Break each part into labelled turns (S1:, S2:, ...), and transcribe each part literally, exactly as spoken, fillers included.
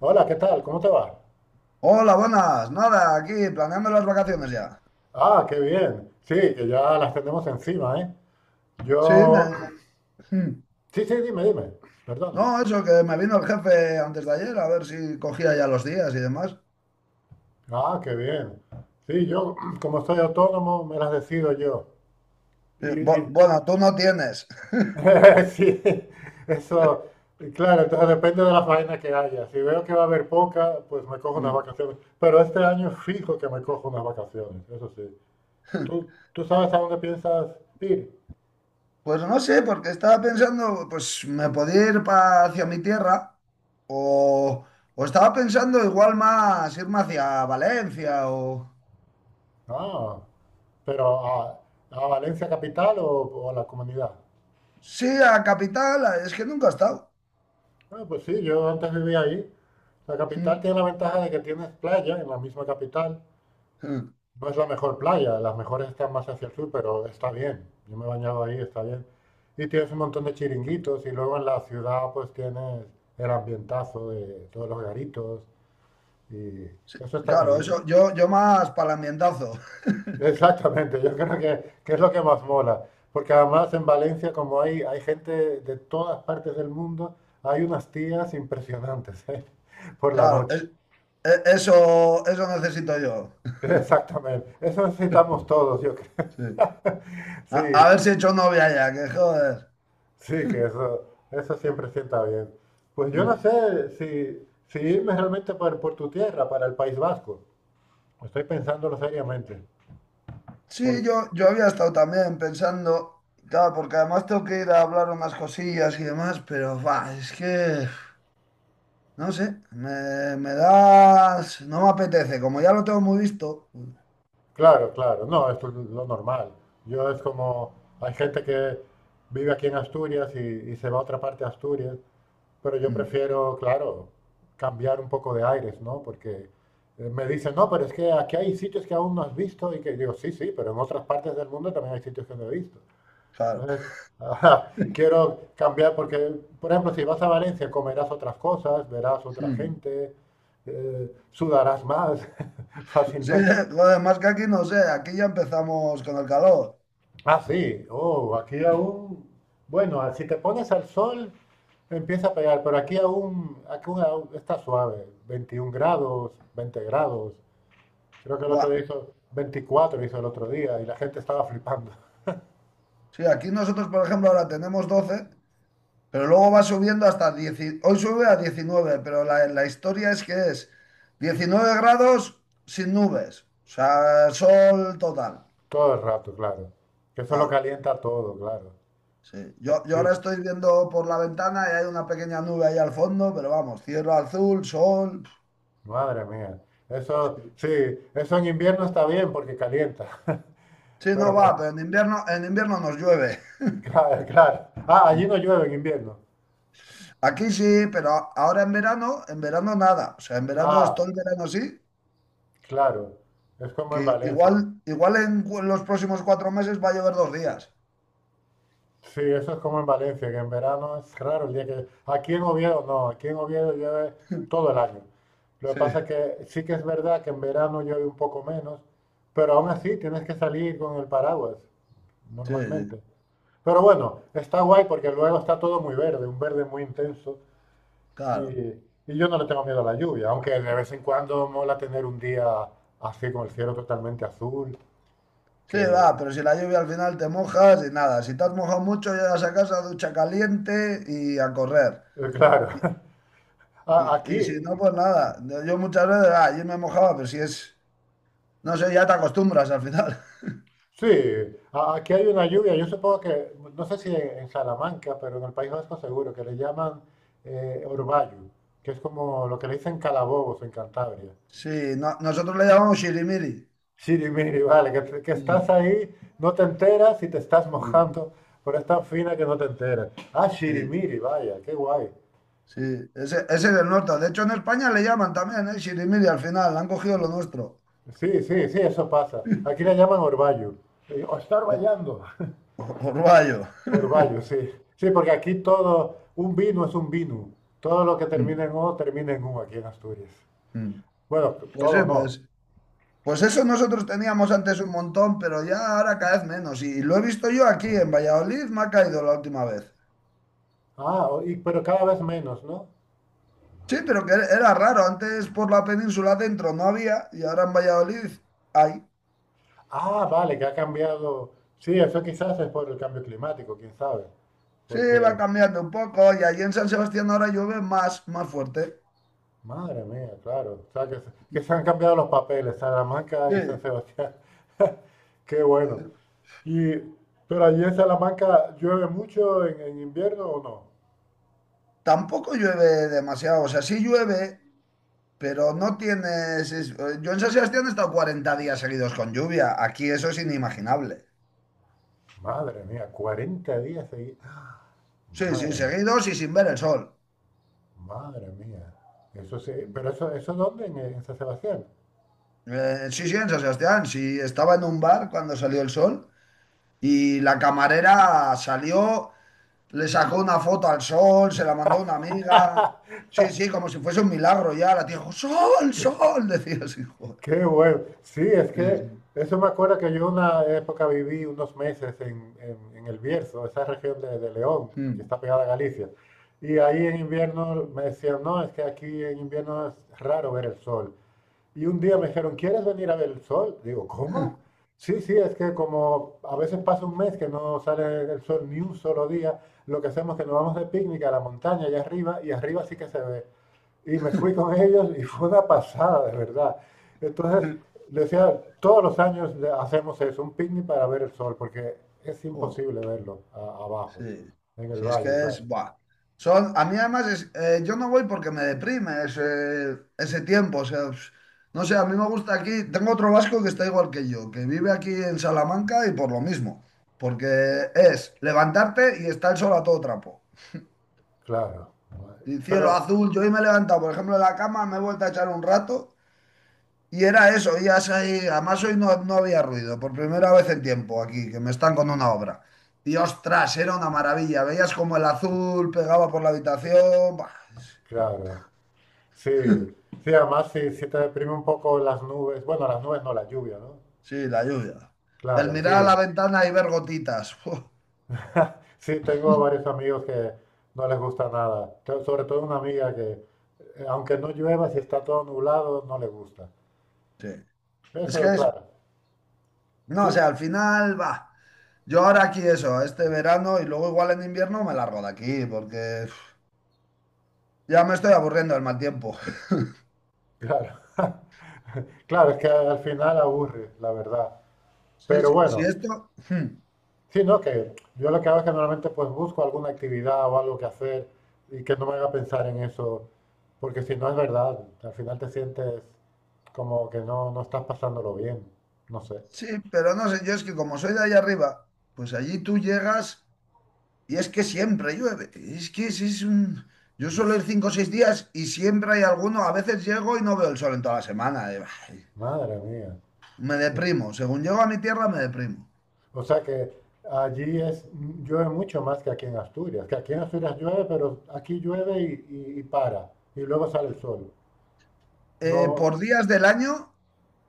S1: Hola, ¿qué tal? ¿Cómo te va?
S2: Hola, buenas. Nada, aquí planeando las vacaciones ya.
S1: Ah, qué bien. Sí, que ya las tenemos encima, ¿eh?
S2: Sí, me...
S1: Yo...
S2: hmm.
S1: Sí, sí, dime, dime. Perdona.
S2: No, eso que me vino el jefe antes de ayer a ver si cogía ya los días y demás.
S1: Ah, qué bien. Sí, yo, como soy autónomo, me las decido yo.
S2: Sí,
S1: Y,
S2: bu-
S1: y-
S2: Bueno, tú no tienes.
S1: Sí, eso... Claro, entonces depende de la faena que haya. Si veo que va a haber poca, pues me cojo unas
S2: Mm.
S1: vacaciones. Pero este año fijo que me cojo unas vacaciones, eso sí. ¿Tú, tú sabes a dónde piensas ir?
S2: Pues no sé, porque estaba pensando, pues me podía ir pa- hacia mi tierra o, o estaba pensando igual más irme hacia Valencia o.
S1: Ah. Pero a, a Valencia capital o, o a la comunidad.
S2: Sí, a capital, es que nunca he estado.
S1: Ah, pues sí, yo antes vivía ahí. La capital
S2: Mm.
S1: tiene la ventaja de que tienes playa en la misma capital.
S2: Mm.
S1: No es la mejor playa, las mejores están más hacia el sur, pero está bien. Yo me he bañado ahí, está bien. Y tienes un montón de chiringuitos y luego en la ciudad pues tienes el ambientazo de todos los garitos y
S2: Sí,
S1: eso está muy
S2: claro,
S1: bien.
S2: eso, yo, yo más para el ambientazo.
S1: Exactamente, yo creo que, que es lo que más mola, porque además en Valencia, como hay, hay gente de todas partes del mundo, hay unas tías impresionantes, ¿eh? Por la
S2: Claro, es,
S1: noche.
S2: E- eso, eso necesito yo.
S1: Exactamente, eso necesitamos todos, yo creo.
S2: Sí. A,
S1: Sí,
S2: a ver si he hecho novia ya, que joder.
S1: sí, que eso, eso siempre sienta bien. Pues yo no
S2: Mm.
S1: sé si, si irme realmente por, por tu tierra, para el País Vasco. Estoy pensándolo seriamente.
S2: Sí, yo, yo había estado también pensando, claro, porque además tengo que ir a hablar unas cosillas y demás, pero va, es que, no sé, me, me das, no me apetece, como ya lo tengo muy visto.
S1: Claro, claro, no, esto es lo normal. Yo es como, hay gente que vive aquí en Asturias y, y se va a otra parte de Asturias, pero yo
S2: Mm,
S1: prefiero, claro, cambiar un poco de aires, ¿no? Porque eh, me dicen, no, pero es que aquí hay sitios que aún no has visto y que digo, sí, sí, pero en otras partes del mundo también hay sitios que no he visto.
S2: claro.
S1: Entonces, ajá, quiero cambiar porque, por ejemplo, si vas a Valencia, comerás otras cosas, verás otra
S2: Mm.
S1: gente, eh, sudarás más
S2: Sí,
S1: fácilmente.
S2: joder, más que aquí no sé, aquí ya empezamos con el calor.
S1: Ah, sí. Oh, aquí aún. Bueno, ah, si te pones al sol, empieza a pegar, pero aquí aún, aquí aún- aún está suave. Veintiún grados, veinte grados. Creo que el otro
S2: Buah.
S1: día hizo veinticuatro, hizo el otro día, y la gente estaba flipando.
S2: Sí, aquí nosotros, por ejemplo, ahora tenemos doce. Pero luego va subiendo hasta diez, hoy sube a diecinueve, pero la, la historia es que es diecinueve grados sin nubes, o sea, sol total.
S1: Todo el rato, claro. Que eso lo
S2: Claro,
S1: calienta todo, claro.
S2: sí. Yo, yo
S1: Sí,
S2: ahora estoy viendo por la ventana y hay una pequeña nube ahí al fondo, pero vamos, cielo azul, sol.
S1: madre mía. Eso,
S2: Sí.
S1: sí, eso en invierno está bien porque calienta.
S2: Sí, no
S1: Pero, cu-
S2: va, pero en invierno, en invierno nos llueve.
S1: claro, claro. Ah, allí no llueve en invierno.
S2: Aquí sí, pero ahora en verano, en verano nada. O sea, en verano es todo
S1: Ah,
S2: el verano sí,
S1: claro. Es como
S2: que
S1: en
S2: igual,
S1: Valencia.
S2: igual en cu- los próximos cuatro meses va a llover dos días.
S1: Sí, eso es como en Valencia, que en verano es raro el día que. Aquí en Oviedo no, aquí en Oviedo llueve todo el año. Lo que
S2: Sí.
S1: pasa es que sí que es verdad que en verano llueve un poco menos, pero aún así tienes que salir con el paraguas
S2: Sí, sí,
S1: normalmente. Pero bueno, está guay porque luego está todo muy verde, un verde muy intenso y,
S2: claro.
S1: y yo no le tengo miedo a la lluvia, aunque de vez en cuando mola tener un día así con el cielo totalmente azul,
S2: Sí, va,
S1: que
S2: pero si la lluvia al final te mojas y nada, si te has mojado mucho, llegas a casa, ducha caliente y a correr.
S1: eh,
S2: Y,
S1: claro, a-
S2: y- y si
S1: aquí
S2: no, pues nada. Yo muchas veces, ah, yo me mojaba, pero si es, no sé, ya te acostumbras al final.
S1: sí, a- aquí hay una lluvia. Yo supongo que, no sé si en, en Salamanca, pero en el País Vasco seguro, que le llaman eh, orvallo, que es como lo que le dicen calabobos en Cantabria.
S2: Sí, no- nosotros le llamamos shirimiri.
S1: Miri vale, que, te- que estás
S2: Mm,
S1: ahí, no te enteras y te estás
S2: mm.
S1: mojando, pero es tan fina que no te enteras. Ah,
S2: Sí,
S1: sirimiri, vaya, qué guay.
S2: sí, ese, ese es el norte. De hecho, en España le llaman también, ¿eh? Shirimiri al final, han cogido lo nuestro.
S1: Sí, sí, sí, eso pasa. Aquí le llaman orvallo. Eh, O está
S2: O-
S1: orvallando.
S2: o- Orvallo.
S1: Orvallo, sí. Sí, porque aquí todo, un vino es un vino. Todo lo que termina en
S2: Mm,
S1: O termina en U aquí en Asturias.
S2: mm.
S1: Bueno,
S2: Pues sí,
S1: todo no.
S2: pues. Pues eso nosotros teníamos antes un montón, pero ya ahora cada vez menos. Y lo he visto yo aquí en Valladolid, me ha caído la última vez.
S1: Ah, o- y- pero cada vez menos, ¿no?
S2: Sí, pero que era raro. Antes por la península dentro no había y ahora en Valladolid hay.
S1: Ah, vale, que ha cambiado. Sí, eso quizás es por el cambio climático, quién sabe.
S2: Sí, va
S1: Porque,
S2: cambiando un poco y allí en San Sebastián ahora llueve más, más fuerte.
S1: madre mía, claro. O sea, que, se- que se han cambiado los papeles, Salamanca y San
S2: Sí.
S1: Sebastián. Qué bueno. Y, ¿Pero allí en Salamanca llueve mucho en, en invierno o no?
S2: Tampoco llueve demasiado. O sea, sí llueve, pero no tienes. es- eh, Yo en San Sebastián he estado cuarenta días seguidos con lluvia. Aquí eso es inimaginable.
S1: Madre mía, cuarenta días seguidos. ¡Ah!
S2: Sí, sí,
S1: Madre mía,
S2: seguidos y sin ver el sol.
S1: madre mía. Eso sí, pero eso, ¿eso dónde? En, en San Sebastián.
S2: Eh, sí, sí, en San Sebastián. Sí, estaba en un bar cuando salió el sol y la camarera salió, le sacó una foto al sol, se la mandó a una amiga. Sí, sí, como si fuese un milagro ya. La tía dijo, sol, sol, decía así, joder.
S1: Qué bueno. Sí, es que
S2: Sí,
S1: eso me acuerda que yo una época viví unos meses en, en- en el Bierzo, esa región de, de León, que
S2: sí.
S1: está pegada a Galicia. Y ahí en invierno me decían, no, es que aquí en invierno es raro ver el sol. Y un día me dijeron, ¿quieres venir a ver el sol? Digo, ¿cómo? Sí, sí, es que como a veces pasa un mes que no sale el sol ni un solo día, lo que hacemos es que nos vamos de picnic a la montaña allá arriba y arriba sí que se ve. Y me fui
S2: Mm.
S1: con ellos y fue una pasada, de verdad. Entonces, le decía, todos los años le- hacemos eso, un picnic para ver el sol, porque es
S2: Joder.
S1: imposible verlo a- abajo,
S2: Sí,
S1: en el
S2: sí, es que
S1: valle, claro.
S2: es, buah. Son, a mí además es, eh, yo no voy porque me deprime ese, ese tiempo, o sea, pues, no sé, a mí me gusta aquí, tengo otro vasco que está igual que yo, que vive aquí en Salamanca y por lo mismo, porque es levantarte y está el sol a todo trapo.
S1: Claro.
S2: Y cielo
S1: Pero,
S2: azul, yo hoy me he levantado, por ejemplo, de la cama, me he vuelto a echar un rato y era eso, y así- además hoy no, no había ruido, por primera vez en tiempo aquí, que me están con una obra. Y ostras, era una maravilla, veías como el azul pegaba por la habitación, buah,
S1: claro. Sí, sí, además si si te deprime un poco las nubes, bueno, las nubes no, la lluvia, ¿no?
S2: sí, la lluvia. El
S1: Claro,
S2: mirar a la
S1: sí.
S2: ventana y ver gotitas. Uf,
S1: Sí, tengo varios amigos que no les gusta nada. Tengo sobre todo una amiga que, eh, aunque no llueva, si está todo nublado, no le gusta.
S2: sí. Es que
S1: Eso,
S2: es,
S1: claro.
S2: no, o
S1: Sí,
S2: sea, al final, va, yo ahora aquí eso, este verano y luego igual en invierno me largo de aquí, porque uf, ya me estoy aburriendo del mal tiempo.
S1: claro. Claro, es que al final aburre, la verdad.
S2: Sí,
S1: Pero
S2: sí, sí,
S1: bueno.
S2: esto. Hmm.
S1: Sí, no, que yo lo que hago es que normalmente pues busco alguna actividad o algo que hacer y que no me haga pensar en eso, porque si no es verdad, al final te sientes como que no, no estás pasándolo bien, no sé,
S2: Sí, pero no sé, yo es que como soy de allá arriba, pues allí tú llegas y es que siempre llueve. Es que es, es un. Yo suelo ir cinco o seis días y siempre hay alguno. A veces llego y no veo el sol en toda la semana. Y, bah,
S1: madre mía.
S2: me
S1: O,
S2: deprimo. Según llego a mi tierra, me deprimo.
S1: o sea que allí es, llueve mucho más que aquí en Asturias, que aquí en Asturias llueve, pero aquí llueve y, y- y para, y luego sale el sol.
S2: Eh,
S1: No,
S2: por días del año,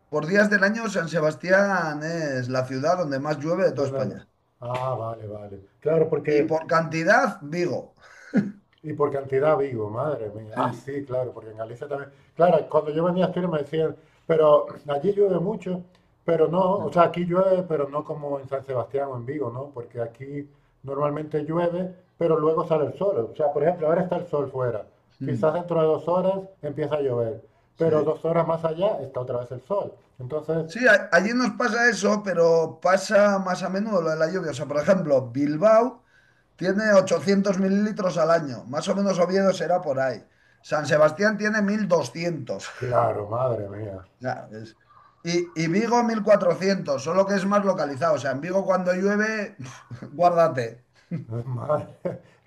S2: por días del año, San Sebastián es la ciudad donde más llueve de toda
S1: donde
S2: España.
S1: ah, vale, vale. Claro,
S2: Y
S1: porque
S2: por cantidad, Vigo.
S1: y por cantidad Vigo, madre mía. Ah,
S2: Sí,
S1: sí, claro, porque en Galicia también. Claro, cuando yo venía a Asturias me decían, pero allí llueve mucho, pero no, o
S2: sí,
S1: sea, aquí llueve, pero no como en San Sebastián o en Vigo, ¿no? Porque aquí normalmente llueve, pero luego sale el sol. O sea, por ejemplo, ahora está el sol fuera. Quizás
S2: mm,
S1: dentro de dos horas empieza a llover, pero
S2: sí.
S1: dos horas más allá está otra vez el sol. Entonces,
S2: Sí, a- allí nos pasa eso, pero pasa más a menudo lo de la lluvia. O sea, por ejemplo, Bilbao tiene ochocientos mililitros al año. Más o menos Oviedo será por ahí. San Sebastián tiene mil doscientos.
S1: claro, madre mía.
S2: Sea, es- Y, y Vigo mil cuatrocientos. Solo que es más localizado. O sea, en Vigo cuando llueve, guárdate.
S1: Madre.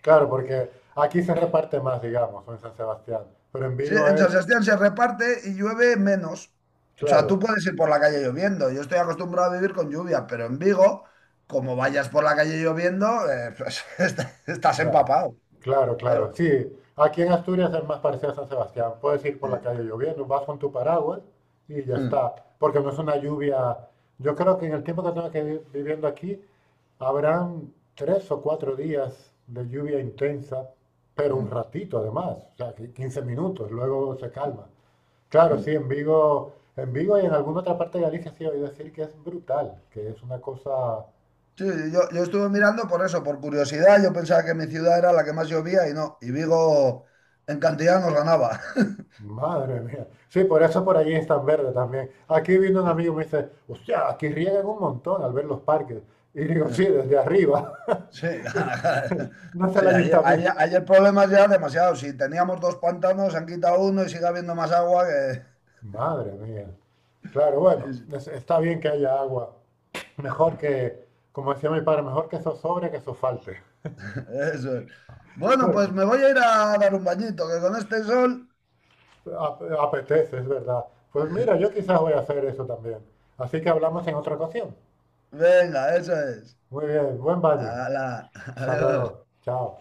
S1: Claro, porque aquí se reparte más, digamos, o en San Sebastián, pero en
S2: Sí,
S1: Vigo
S2: en San
S1: es
S2: Sebastián se reparte y llueve menos. O sea, tú
S1: claro,
S2: puedes ir por la calle lloviendo. Yo estoy acostumbrado a vivir con lluvia, pero en Vigo, como vayas por la calle lloviendo, eh, pues, est- estás
S1: claro,
S2: empapado.
S1: claro, claro.
S2: Claro.
S1: Sí, aquí en Asturias es más parecido a San Sebastián. Puedes ir por la
S2: Sí.
S1: calle lloviendo, vas con tu paraguas y ya
S2: Mm,
S1: está. Porque no es una lluvia. Yo creo que en el tiempo que tengo que vi- viviendo aquí habrán tres o cuatro días de lluvia intensa, pero un
S2: mm,
S1: ratito además, o sea, que quince minutos, luego se calma. Claro, sí,
S2: mm.
S1: en Vigo, en Vigo y en alguna otra parte de Galicia sí he oído decir que es brutal, que es una cosa.
S2: Sí, yo, yo estuve mirando por eso, por curiosidad. Yo pensaba que mi ciudad era la que más llovía y no. Y Vigo en cantidad nos ganaba.
S1: Madre mía. Sí, por eso por allí es tan verde también. Aquí vino un
S2: Sí.
S1: amigo y me dice, hostia, aquí riegan un montón al ver los parques. Y digo, sí,
S2: Hmm.
S1: desde arriba,
S2: Sí,
S1: no es el
S2: sí, hay, hay-
S1: ayuntamiento.
S2: hay el problema ya demasiado. Si teníamos dos pantanos, se han quitado uno y sigue habiendo más agua que.
S1: Madre mía. Claro,
S2: Sí,
S1: bueno,
S2: sí,
S1: es- está bien que haya agua. Mejor que, como decía mi padre, mejor que eso sobre que eso falte.
S2: eso es. Bueno,
S1: Porque
S2: pues me voy a ir a dar un bañito, que con este sol.
S1: ap- apetece, es verdad. Pues mira, yo quizás voy a hacer eso también. Así que hablamos en otra ocasión.
S2: Venga, eso es.
S1: Muy bien, buen baño.
S2: Hala,
S1: Hasta
S2: adiós.
S1: luego. Chao.